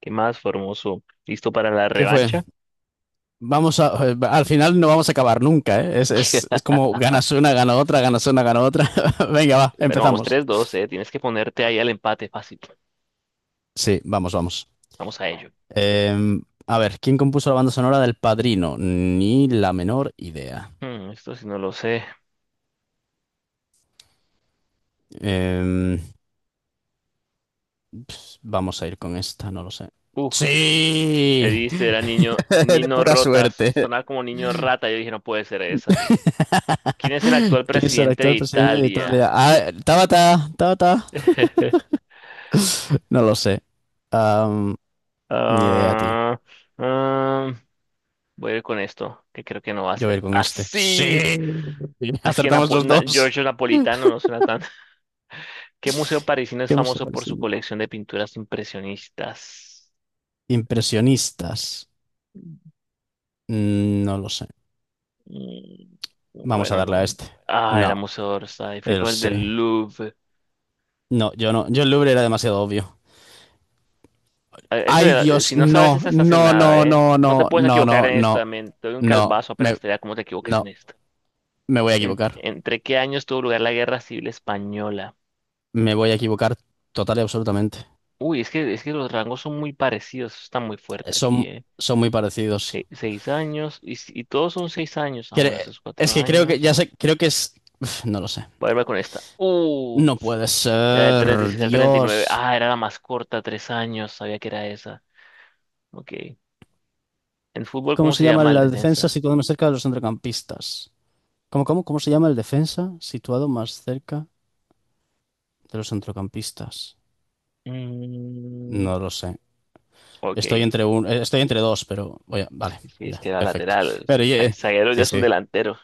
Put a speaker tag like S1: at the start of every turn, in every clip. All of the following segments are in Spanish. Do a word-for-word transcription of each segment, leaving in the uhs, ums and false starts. S1: ¿Qué más, Formoso? ¿Listo para la
S2: ¿Qué fue?
S1: revancha?
S2: Vamos a, eh, al final no vamos a acabar nunca, ¿eh? Es, es, es como ganas una, gana otra, ganas una, gana otra. Venga, va,
S1: Bueno, vamos
S2: empezamos.
S1: tres, dos, eh. Tienes que ponerte ahí al empate fácil.
S2: Sí, vamos, vamos.
S1: Vamos a ello.
S2: Em, a ver, ¿quién compuso la banda sonora del Padrino? Ni la menor idea.
S1: Hmm, esto sí no lo sé.
S2: Em, pf, Vamos a ir con esta, no lo sé.
S1: Uf, Le
S2: Sí,
S1: diste, era niño,
S2: de
S1: Nino
S2: pura
S1: Rotas.
S2: suerte.
S1: Sonaba como niño rata. Yo dije, no puede ser esa. ¿Quién es el
S2: ¿Quién
S1: actual
S2: es el
S1: presidente de
S2: actual presidente de
S1: Italia?
S2: Italia? Ah, Tabata, Tabata. No lo sé. Am, Ni idea, tío.
S1: Ah, ah, Voy a ir con esto, que creo que no va a
S2: Yo voy a
S1: ser.
S2: ir con este. Sí.
S1: ¡Así! Es que
S2: Acertamos
S1: Napo-
S2: los
S1: Na-
S2: dos.
S1: Giorgio Napolitano no suena tan. ¿Qué museo parisino es
S2: ¿Qué hemos
S1: famoso por su
S2: parecido?
S1: colección de pinturas impresionistas?
S2: Impresionistas. Mm, No lo sé.
S1: Mm,
S2: Vamos a
S1: Bueno,
S2: darle a
S1: no.
S2: este.
S1: Ah, era
S2: No,
S1: Museo Orsay. Fui
S2: el
S1: con el
S2: sí.
S1: del Louvre.
S2: No, yo no. Yo el Louvre era demasiado obvio.
S1: Ah, este
S2: Ay,
S1: de eh,
S2: Dios,
S1: si no sabes
S2: no,
S1: esta, estás en
S2: no,
S1: nada,
S2: no,
S1: ¿eh?
S2: no,
S1: No te
S2: no,
S1: puedes
S2: no,
S1: equivocar
S2: no,
S1: en
S2: no,
S1: esta, men. Te doy un
S2: no.
S1: calvazo
S2: Me,
S1: apenas te vea cómo te equivoques en
S2: no,
S1: esta.
S2: me voy a
S1: Ent-
S2: equivocar.
S1: ¿entre qué años tuvo lugar la Guerra Civil Española?
S2: Me voy a equivocar total y absolutamente.
S1: Uy, es que, es que los rangos son muy parecidos. Eso está muy fuerte aquí,
S2: Son,
S1: ¿eh?
S2: son muy parecidos.
S1: Se- seis años. Y, si- y todos son seis años. Ah, bueno,
S2: Cre-
S1: estos cuatro
S2: es que creo que, ya
S1: años.
S2: sé, creo que es... Uf, No lo sé.
S1: Voy a ver con esta. ¡Uh!
S2: No puede
S1: Era del
S2: ser,
S1: treinta y seis al treinta y nueve.
S2: Dios.
S1: Ah, era la más corta, tres años. Sabía que era esa. Ok. En fútbol,
S2: ¿Cómo
S1: ¿cómo
S2: se
S1: se
S2: llama
S1: llama el
S2: la defensa
S1: defensa?
S2: situado más cerca de los centrocampistas? ¿Cómo, cómo, cómo se llama el defensa situado más cerca de los centrocampistas?
S1: Mm,
S2: No lo sé.
S1: ok,
S2: Estoy entre un, eh, estoy entre dos, pero voy a- vale,
S1: sí, es
S2: ya,
S1: que era
S2: perfecto.
S1: lateral.
S2: Pero
S1: Za-
S2: eh,
S1: Zaguero ya
S2: sí,
S1: es un
S2: sí,
S1: delantero.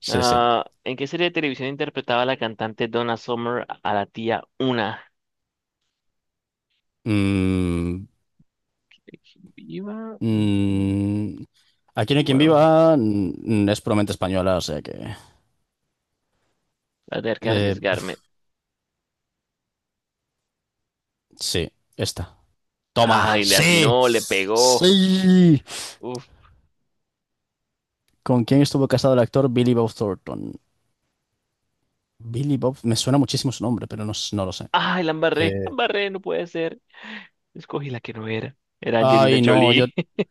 S2: sí, sí.
S1: Ah, ¿en qué serie de televisión interpretaba la cantante Donna Summer a la tía Una?
S2: Mm,
S1: Viva. Mm,
S2: mm, Aquí no hay quien
S1: Bueno,
S2: viva, mm, es puramente española, o sea que
S1: voy a tener que
S2: eh,
S1: arriesgarme.
S2: uf, sí, esta. Toma,
S1: Ay, le
S2: sí,
S1: atinó, le pegó.
S2: sí.
S1: Uf.
S2: ¿Con quién estuvo casado el actor Billy Bob Thornton? Billy Bob, me suena muchísimo su nombre, pero no, s- no lo sé.
S1: Ay, la embarré, la
S2: Eh,
S1: embarré, no puede ser. Escogí la que no era. Era Angelina
S2: Ay, no, yo,
S1: Jolie.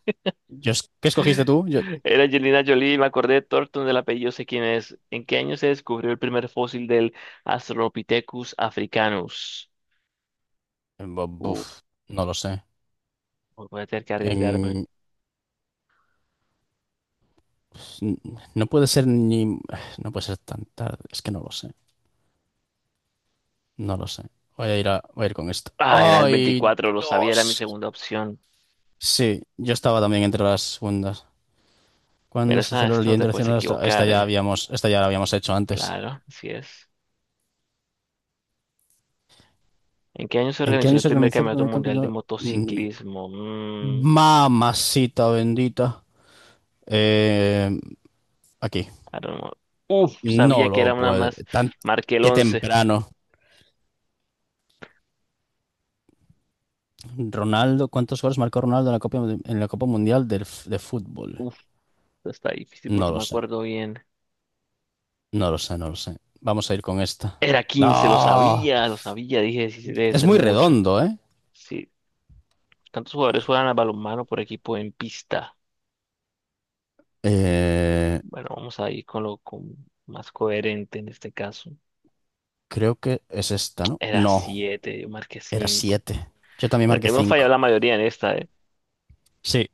S2: yo, es- ¿qué escogiste tú? Yo,
S1: Era Angelina Jolie, me acordé de Thornton del apellido, sé quién es. ¿En qué año se descubrió el primer fósil del Australopithecus africanus?
S2: bu-
S1: Uh,
S2: buf, no lo sé.
S1: voy a tener que arriesgarme.
S2: En- no puede ser ni, no puede ser tan tarde, es que no lo sé, no lo sé. Voy a ir a, voy a ir con esto.
S1: Ah, era el
S2: Ay,
S1: veinticuatro, lo sabía, era mi
S2: Dios.
S1: segunda opción.
S2: Sí, yo estaba también entre las segundas.
S1: Mira,
S2: ¿Cuándo se
S1: esta,
S2: celebró el
S1: esta
S2: Día
S1: no te puedes
S2: Internacional de la Astro-? Esta
S1: equivocar,
S2: ya
S1: ¿eh?
S2: habíamos, esta ya la habíamos hecho antes.
S1: Claro, así es. ¿En qué año se
S2: ¿En qué
S1: organizó
S2: año
S1: el
S2: se
S1: primer
S2: organizó el
S1: campeonato
S2: primer
S1: mundial de
S2: campeonato? Mm,
S1: motociclismo? Mm,
S2: Mamacita bendita. Eh, Aquí.
S1: I don't know. Uf, sabía
S2: No
S1: que
S2: lo
S1: era una
S2: puede.
S1: más.
S2: Tan,
S1: Marqué el
S2: qué
S1: once.
S2: temprano. Ronaldo, ¿cuántos goles marcó Ronaldo en la Copa, en la Copa Mundial del f- de Fútbol?
S1: Uf, está difícil porque
S2: No
S1: no
S2: lo
S1: me
S2: sé.
S1: acuerdo bien.
S2: No lo sé, no lo sé. Vamos a ir con esta.
S1: Era quince, lo
S2: ¡No!
S1: sabía, lo sabía, dije, sí, sí, debe
S2: Es
S1: ser
S2: muy
S1: mucho.
S2: redondo, ¿eh?
S1: Sí, tantos jugadores juegan al balonmano por equipo en pista.
S2: Eh,
S1: Bueno, vamos a ir con lo con más coherente en este caso.
S2: Creo que es esta, ¿no?
S1: Era
S2: No,
S1: siete, yo marqué
S2: era
S1: cinco.
S2: siete. Yo también marqué
S1: Hemos fallado
S2: cinco.
S1: la mayoría en esta, ¿eh?
S2: Sí.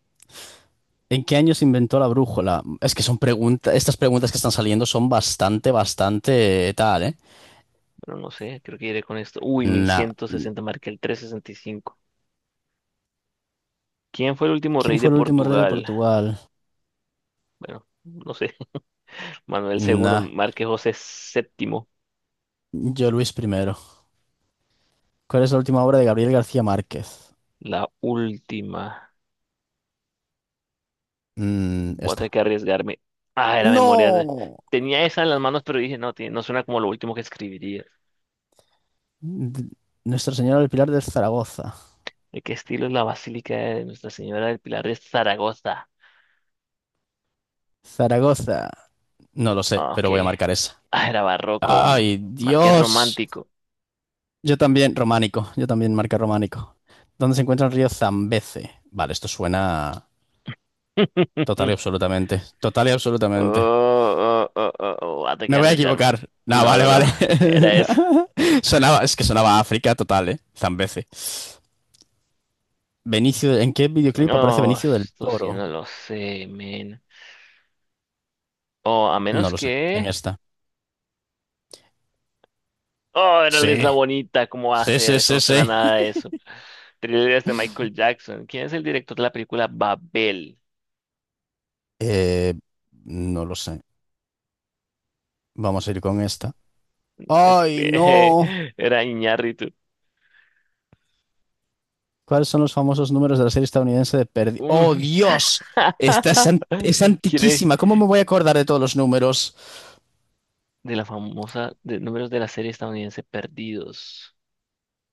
S2: ¿En qué año se inventó la brújula? Es que son preguntas, estas preguntas que están saliendo son bastante, bastante tal, ¿eh?
S1: Pero no sé, creo que iré con esto. Uy, mil
S2: Nah.
S1: ciento sesenta, marqué el trescientos sesenta y cinco. ¿Quién fue el último
S2: ¿Quién
S1: rey de
S2: fue el último rey de
S1: Portugal?
S2: Portugal?
S1: Bueno, no sé. Manuel segundo,
S2: Nah.
S1: marqué José séptimo.
S2: Yo Luis primero. ¿Cuál es la última obra de Gabriel García Márquez?
S1: La última.
S2: Mm,
S1: Voy a tener
S2: esta.
S1: que arriesgarme. Ah, era memoria. de-
S2: ¡No!
S1: Tenía esa en las manos, pero dije, no, tiene- no suena como lo último que escribiría.
S2: D- Nuestra Señora del Pilar de Zaragoza.
S1: ¿De qué estilo es la Basílica de Nuestra Señora del Pilar de Zaragoza?
S2: Zaragoza. No lo sé,
S1: Ah, ok.
S2: pero voy a marcar esa.
S1: Ah, era barroco. mm,
S2: ¡Ay,
S1: Marqués
S2: Dios!
S1: romántico.
S2: Yo también, románico. Yo también marca románico. ¿Dónde se encuentra el río Zambeze? Vale, esto suena total y absolutamente. Total y
S1: Oh,
S2: absolutamente.
S1: oh, oh, oh, oh, Voy a tener que
S2: Me voy a
S1: arriesgarme.
S2: equivocar. No,
S1: No,
S2: vale,
S1: no, no.
S2: vale.
S1: Era eso.
S2: Sonaba, es que sonaba a África total, ¿eh? Zambeze. Benicio, ¿en qué videoclip aparece
S1: No,
S2: Benicio del
S1: esto sí
S2: Toro?
S1: no lo sé, men. Oh, a
S2: No
S1: menos
S2: lo sé, en
S1: que.
S2: esta.
S1: Oh, era la
S2: Sí,
S1: Isla Bonita, ¿cómo va a
S2: sí,
S1: ser?
S2: sí,
S1: Eso no
S2: sí,
S1: suena a
S2: sí.
S1: nada de eso. Thrillers de Michael Jackson. ¿Quién es el director de la película Babel?
S2: Eh, no lo sé. Vamos a ir con esta. ¡Ay, no!
S1: Era Iñárritu.
S2: ¿Cuáles son los famosos números de la serie estadounidense de Perdidos? ¡Oh,
S1: Mm.
S2: Dios! Esta es, an- es
S1: ¿Quién es
S2: antiquísima. ¿Cómo me voy a acordar de todos los números?
S1: de la famosa de números de la serie estadounidense Perdidos?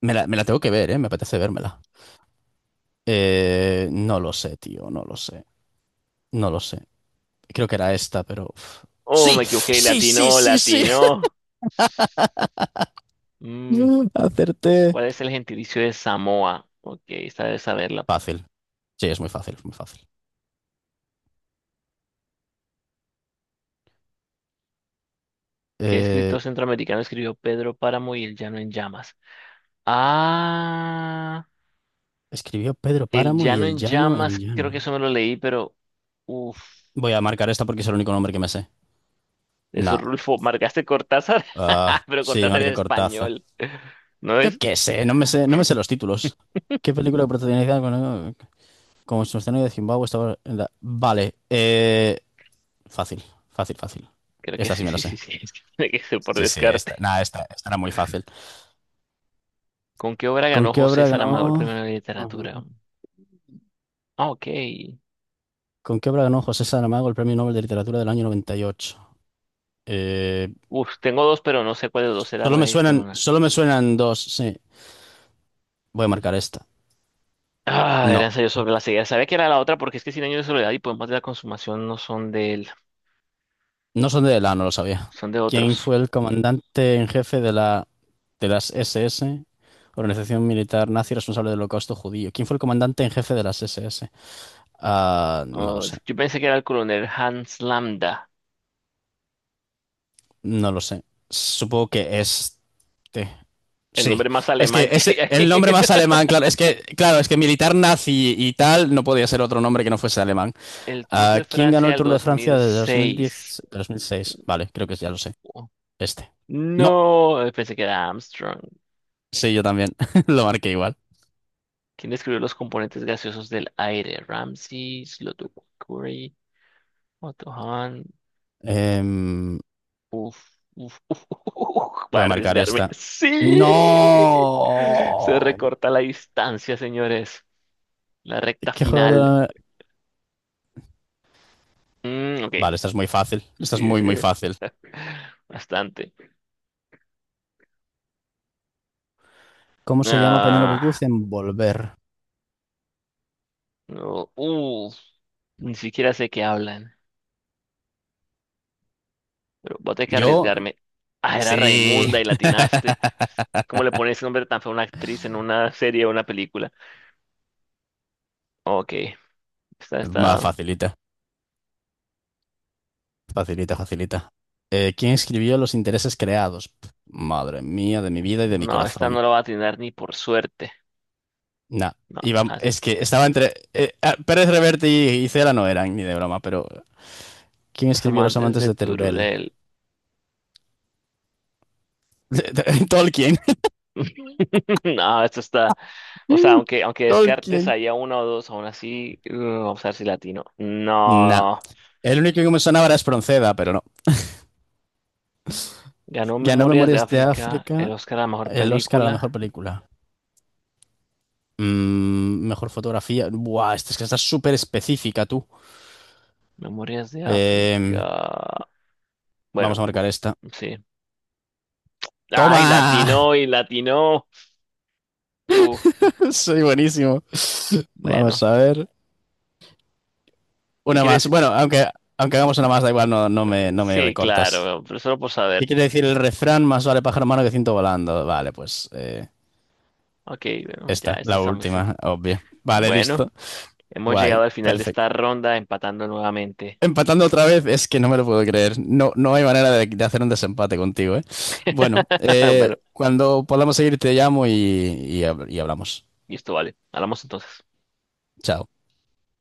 S2: Me la, me la tengo que ver, ¿eh? Me apetece vérmela. Eh, no lo sé, tío, no lo sé. No lo sé. Creo que era esta, pero... uf.
S1: Oh,
S2: ¡Sí!
S1: me equivoqué,
S2: ¡Sí, sí,
S1: latino,
S2: sí, sí!
S1: latino. Mm,
S2: Acerté.
S1: ¿Cuál es el gentilicio de Samoa? Ok, esta debe saberla.
S2: Fácil. Sí, es muy fácil, es muy fácil.
S1: ¿Qué
S2: Eh,
S1: escritor centroamericano escribió Pedro Páramo y El Llano en Llamas? Ah.
S2: Escribió Pedro
S1: El
S2: Páramo y
S1: Llano
S2: el
S1: en
S2: llano en
S1: Llamas, creo que
S2: llano.
S1: eso me lo leí, pero uff,
S2: Voy a marcar esta porque es el único nombre que me sé.
S1: eso
S2: No.
S1: Rulfo, marcaste Cortázar,
S2: Ah,
S1: pero
S2: sí,
S1: Cortázar
S2: marqué
S1: es
S2: Cortázar.
S1: español, ¿no
S2: Yo
S1: es?
S2: qué sé, no me sé, no me sé los títulos. ¿Qué película protagonizada con- como escenario de Zimbabue estaba en la- vale, eh, fácil, fácil, fácil.
S1: Creo que
S2: Esta sí
S1: sí,
S2: me la
S1: sí,
S2: sé.
S1: sí, sí, es que tiene que ser por
S2: Sí, sí, esta,
S1: descarte.
S2: nada, esta, esta era muy fácil.
S1: ¿Con qué obra
S2: ¿Con
S1: ganó
S2: qué
S1: José
S2: obra
S1: Saramago el
S2: ganó?
S1: premio de literatura?
S2: Ujú.
S1: Ah, ok.
S2: ¿Con qué obra ganó José Saramago el Premio Nobel de Literatura del año noventa y ocho? Eh,
S1: Uf, tengo dos, pero no sé cuál de los dos era,
S2: Solo
S1: voy
S2: me
S1: a ir con
S2: suenan,
S1: una.
S2: solo me suenan dos, sí. Voy a marcar esta.
S1: Ah, era
S2: No,
S1: ensayo sobre la ceguera. Sabía que era la otra porque es que Cien años de soledad y Poemas de la consumación no son de él,
S2: no son de la, no lo sabía.
S1: son de
S2: ¿Quién
S1: otros.
S2: fue el comandante en jefe de la de las S S, organización militar nazi responsable del Holocausto judío? ¿Quién fue el comandante en jefe de las S S? Ah, no lo
S1: Ah,
S2: sé,
S1: yo pensé que era el coronel Hans Lambda,
S2: no lo sé. Supongo que este.
S1: el
S2: Sí,
S1: nombre más
S2: es que
S1: alemán que
S2: es
S1: hay
S2: el nombre
S1: ahí.
S2: más alemán, claro, es que claro, es que militar nazi y tal no podía ser otro nombre que no fuese alemán.
S1: El Tour
S2: ¿A
S1: de
S2: quién ganó
S1: Francia
S2: el
S1: del
S2: Tour de Francia de dos dos mil
S1: dos mil seis.
S2: diez, dos mil seis? Vale, creo que ya lo sé.
S1: Oh,
S2: Este. No,
S1: no, eh, pensé que era Armstrong.
S2: sí, yo también. Lo marqué igual.
S1: ¿Quién describió los componentes gaseosos del aire? Ramsay, Slotukuri, Otto Hahn.
S2: Em,
S1: Uf, uf, uf, uf, uf, va a
S2: Voy a marcar
S1: arriesgarme.
S2: esta.
S1: ¡Sí! Se
S2: ¡No!
S1: recorta la distancia, señores. La recta
S2: ¿Qué jugador?
S1: final.
S2: de-
S1: Mm, ok,
S2: Vale, esta es muy fácil. Esta es
S1: sí,
S2: muy,
S1: sí.
S2: muy fácil.
S1: Bastante.
S2: ¿Cómo se llama Penélope Cruz
S1: Ah,
S2: en Volver?
S1: no, uf, ni siquiera sé qué hablan. Pero voy a tener que
S2: Yo,
S1: arriesgarme. Ah, era
S2: sí.
S1: Raimunda y latinaste. ¿Cómo le pones ese nombre tan feo a una actriz en una serie o una película? Ok, esta,
S2: Más
S1: esta,
S2: facilita, facilita, facilita. Eh, ¿quién escribió Los intereses creados? Pf, Madre mía, de mi vida y de mi
S1: no, esta no
S2: corazón.
S1: la va a atinar ni por suerte.
S2: Nah.
S1: No,
S2: Iba-
S1: las,
S2: es que estaba entre. eh, ah, Pérez Reverte y, y, Cela no eran ni de broma, pero. ¿Quién
S1: las
S2: escribió Los
S1: amantes
S2: amantes
S1: de
S2: de Terurel?
S1: Tururel.
S2: De- de- Tolkien.
S1: No, esto está, o sea, aunque, aunque descartes
S2: Tolkien.
S1: ahí a una o dos, aún así, uh, vamos a ver si latino.
S2: Nah.
S1: No,
S2: El único que me sonaba era Espronceda, pero no.
S1: ganó
S2: Ya no
S1: Memorias de
S2: Memorias de
S1: África, el
S2: África,
S1: Oscar a la mejor
S2: el Oscar a la mejor
S1: película.
S2: película. Mm, mejor fotografía. Buah, esta es que está súper específica, tú.
S1: Memorias de
S2: Eh,
S1: África.
S2: Vamos
S1: Bueno,
S2: a marcar esta.
S1: sí. Ay,
S2: ¡Toma!
S1: latino y latino. Uf,
S2: Soy buenísimo.
S1: bueno,
S2: Vamos a ver.
S1: ¿qué
S2: Una más.
S1: quieres?
S2: Bueno, aunque, aunque hagamos una más, da igual, no, no me, no me
S1: Sí,
S2: recortas.
S1: claro, pero solo por
S2: ¿Qué
S1: saber.
S2: quiere decir el refrán? Más vale pájaro malo que ciento volando. Vale, pues eh,
S1: Ok, bueno, ya,
S2: esta,
S1: esta
S2: la
S1: está muy sen-
S2: última, obvio. Vale,
S1: bueno,
S2: listo.
S1: hemos
S2: Guay,
S1: llegado al final de
S2: perfecto.
S1: esta ronda empatando nuevamente.
S2: Empatando otra vez, es que no me lo puedo creer. No, no hay manera de, de hacer un desempate contigo, ¿eh? Bueno, eh,
S1: Bueno,
S2: cuando podamos seguir te llamo y, y hab- y hablamos.
S1: y esto vale. Hablamos entonces.
S2: Chao.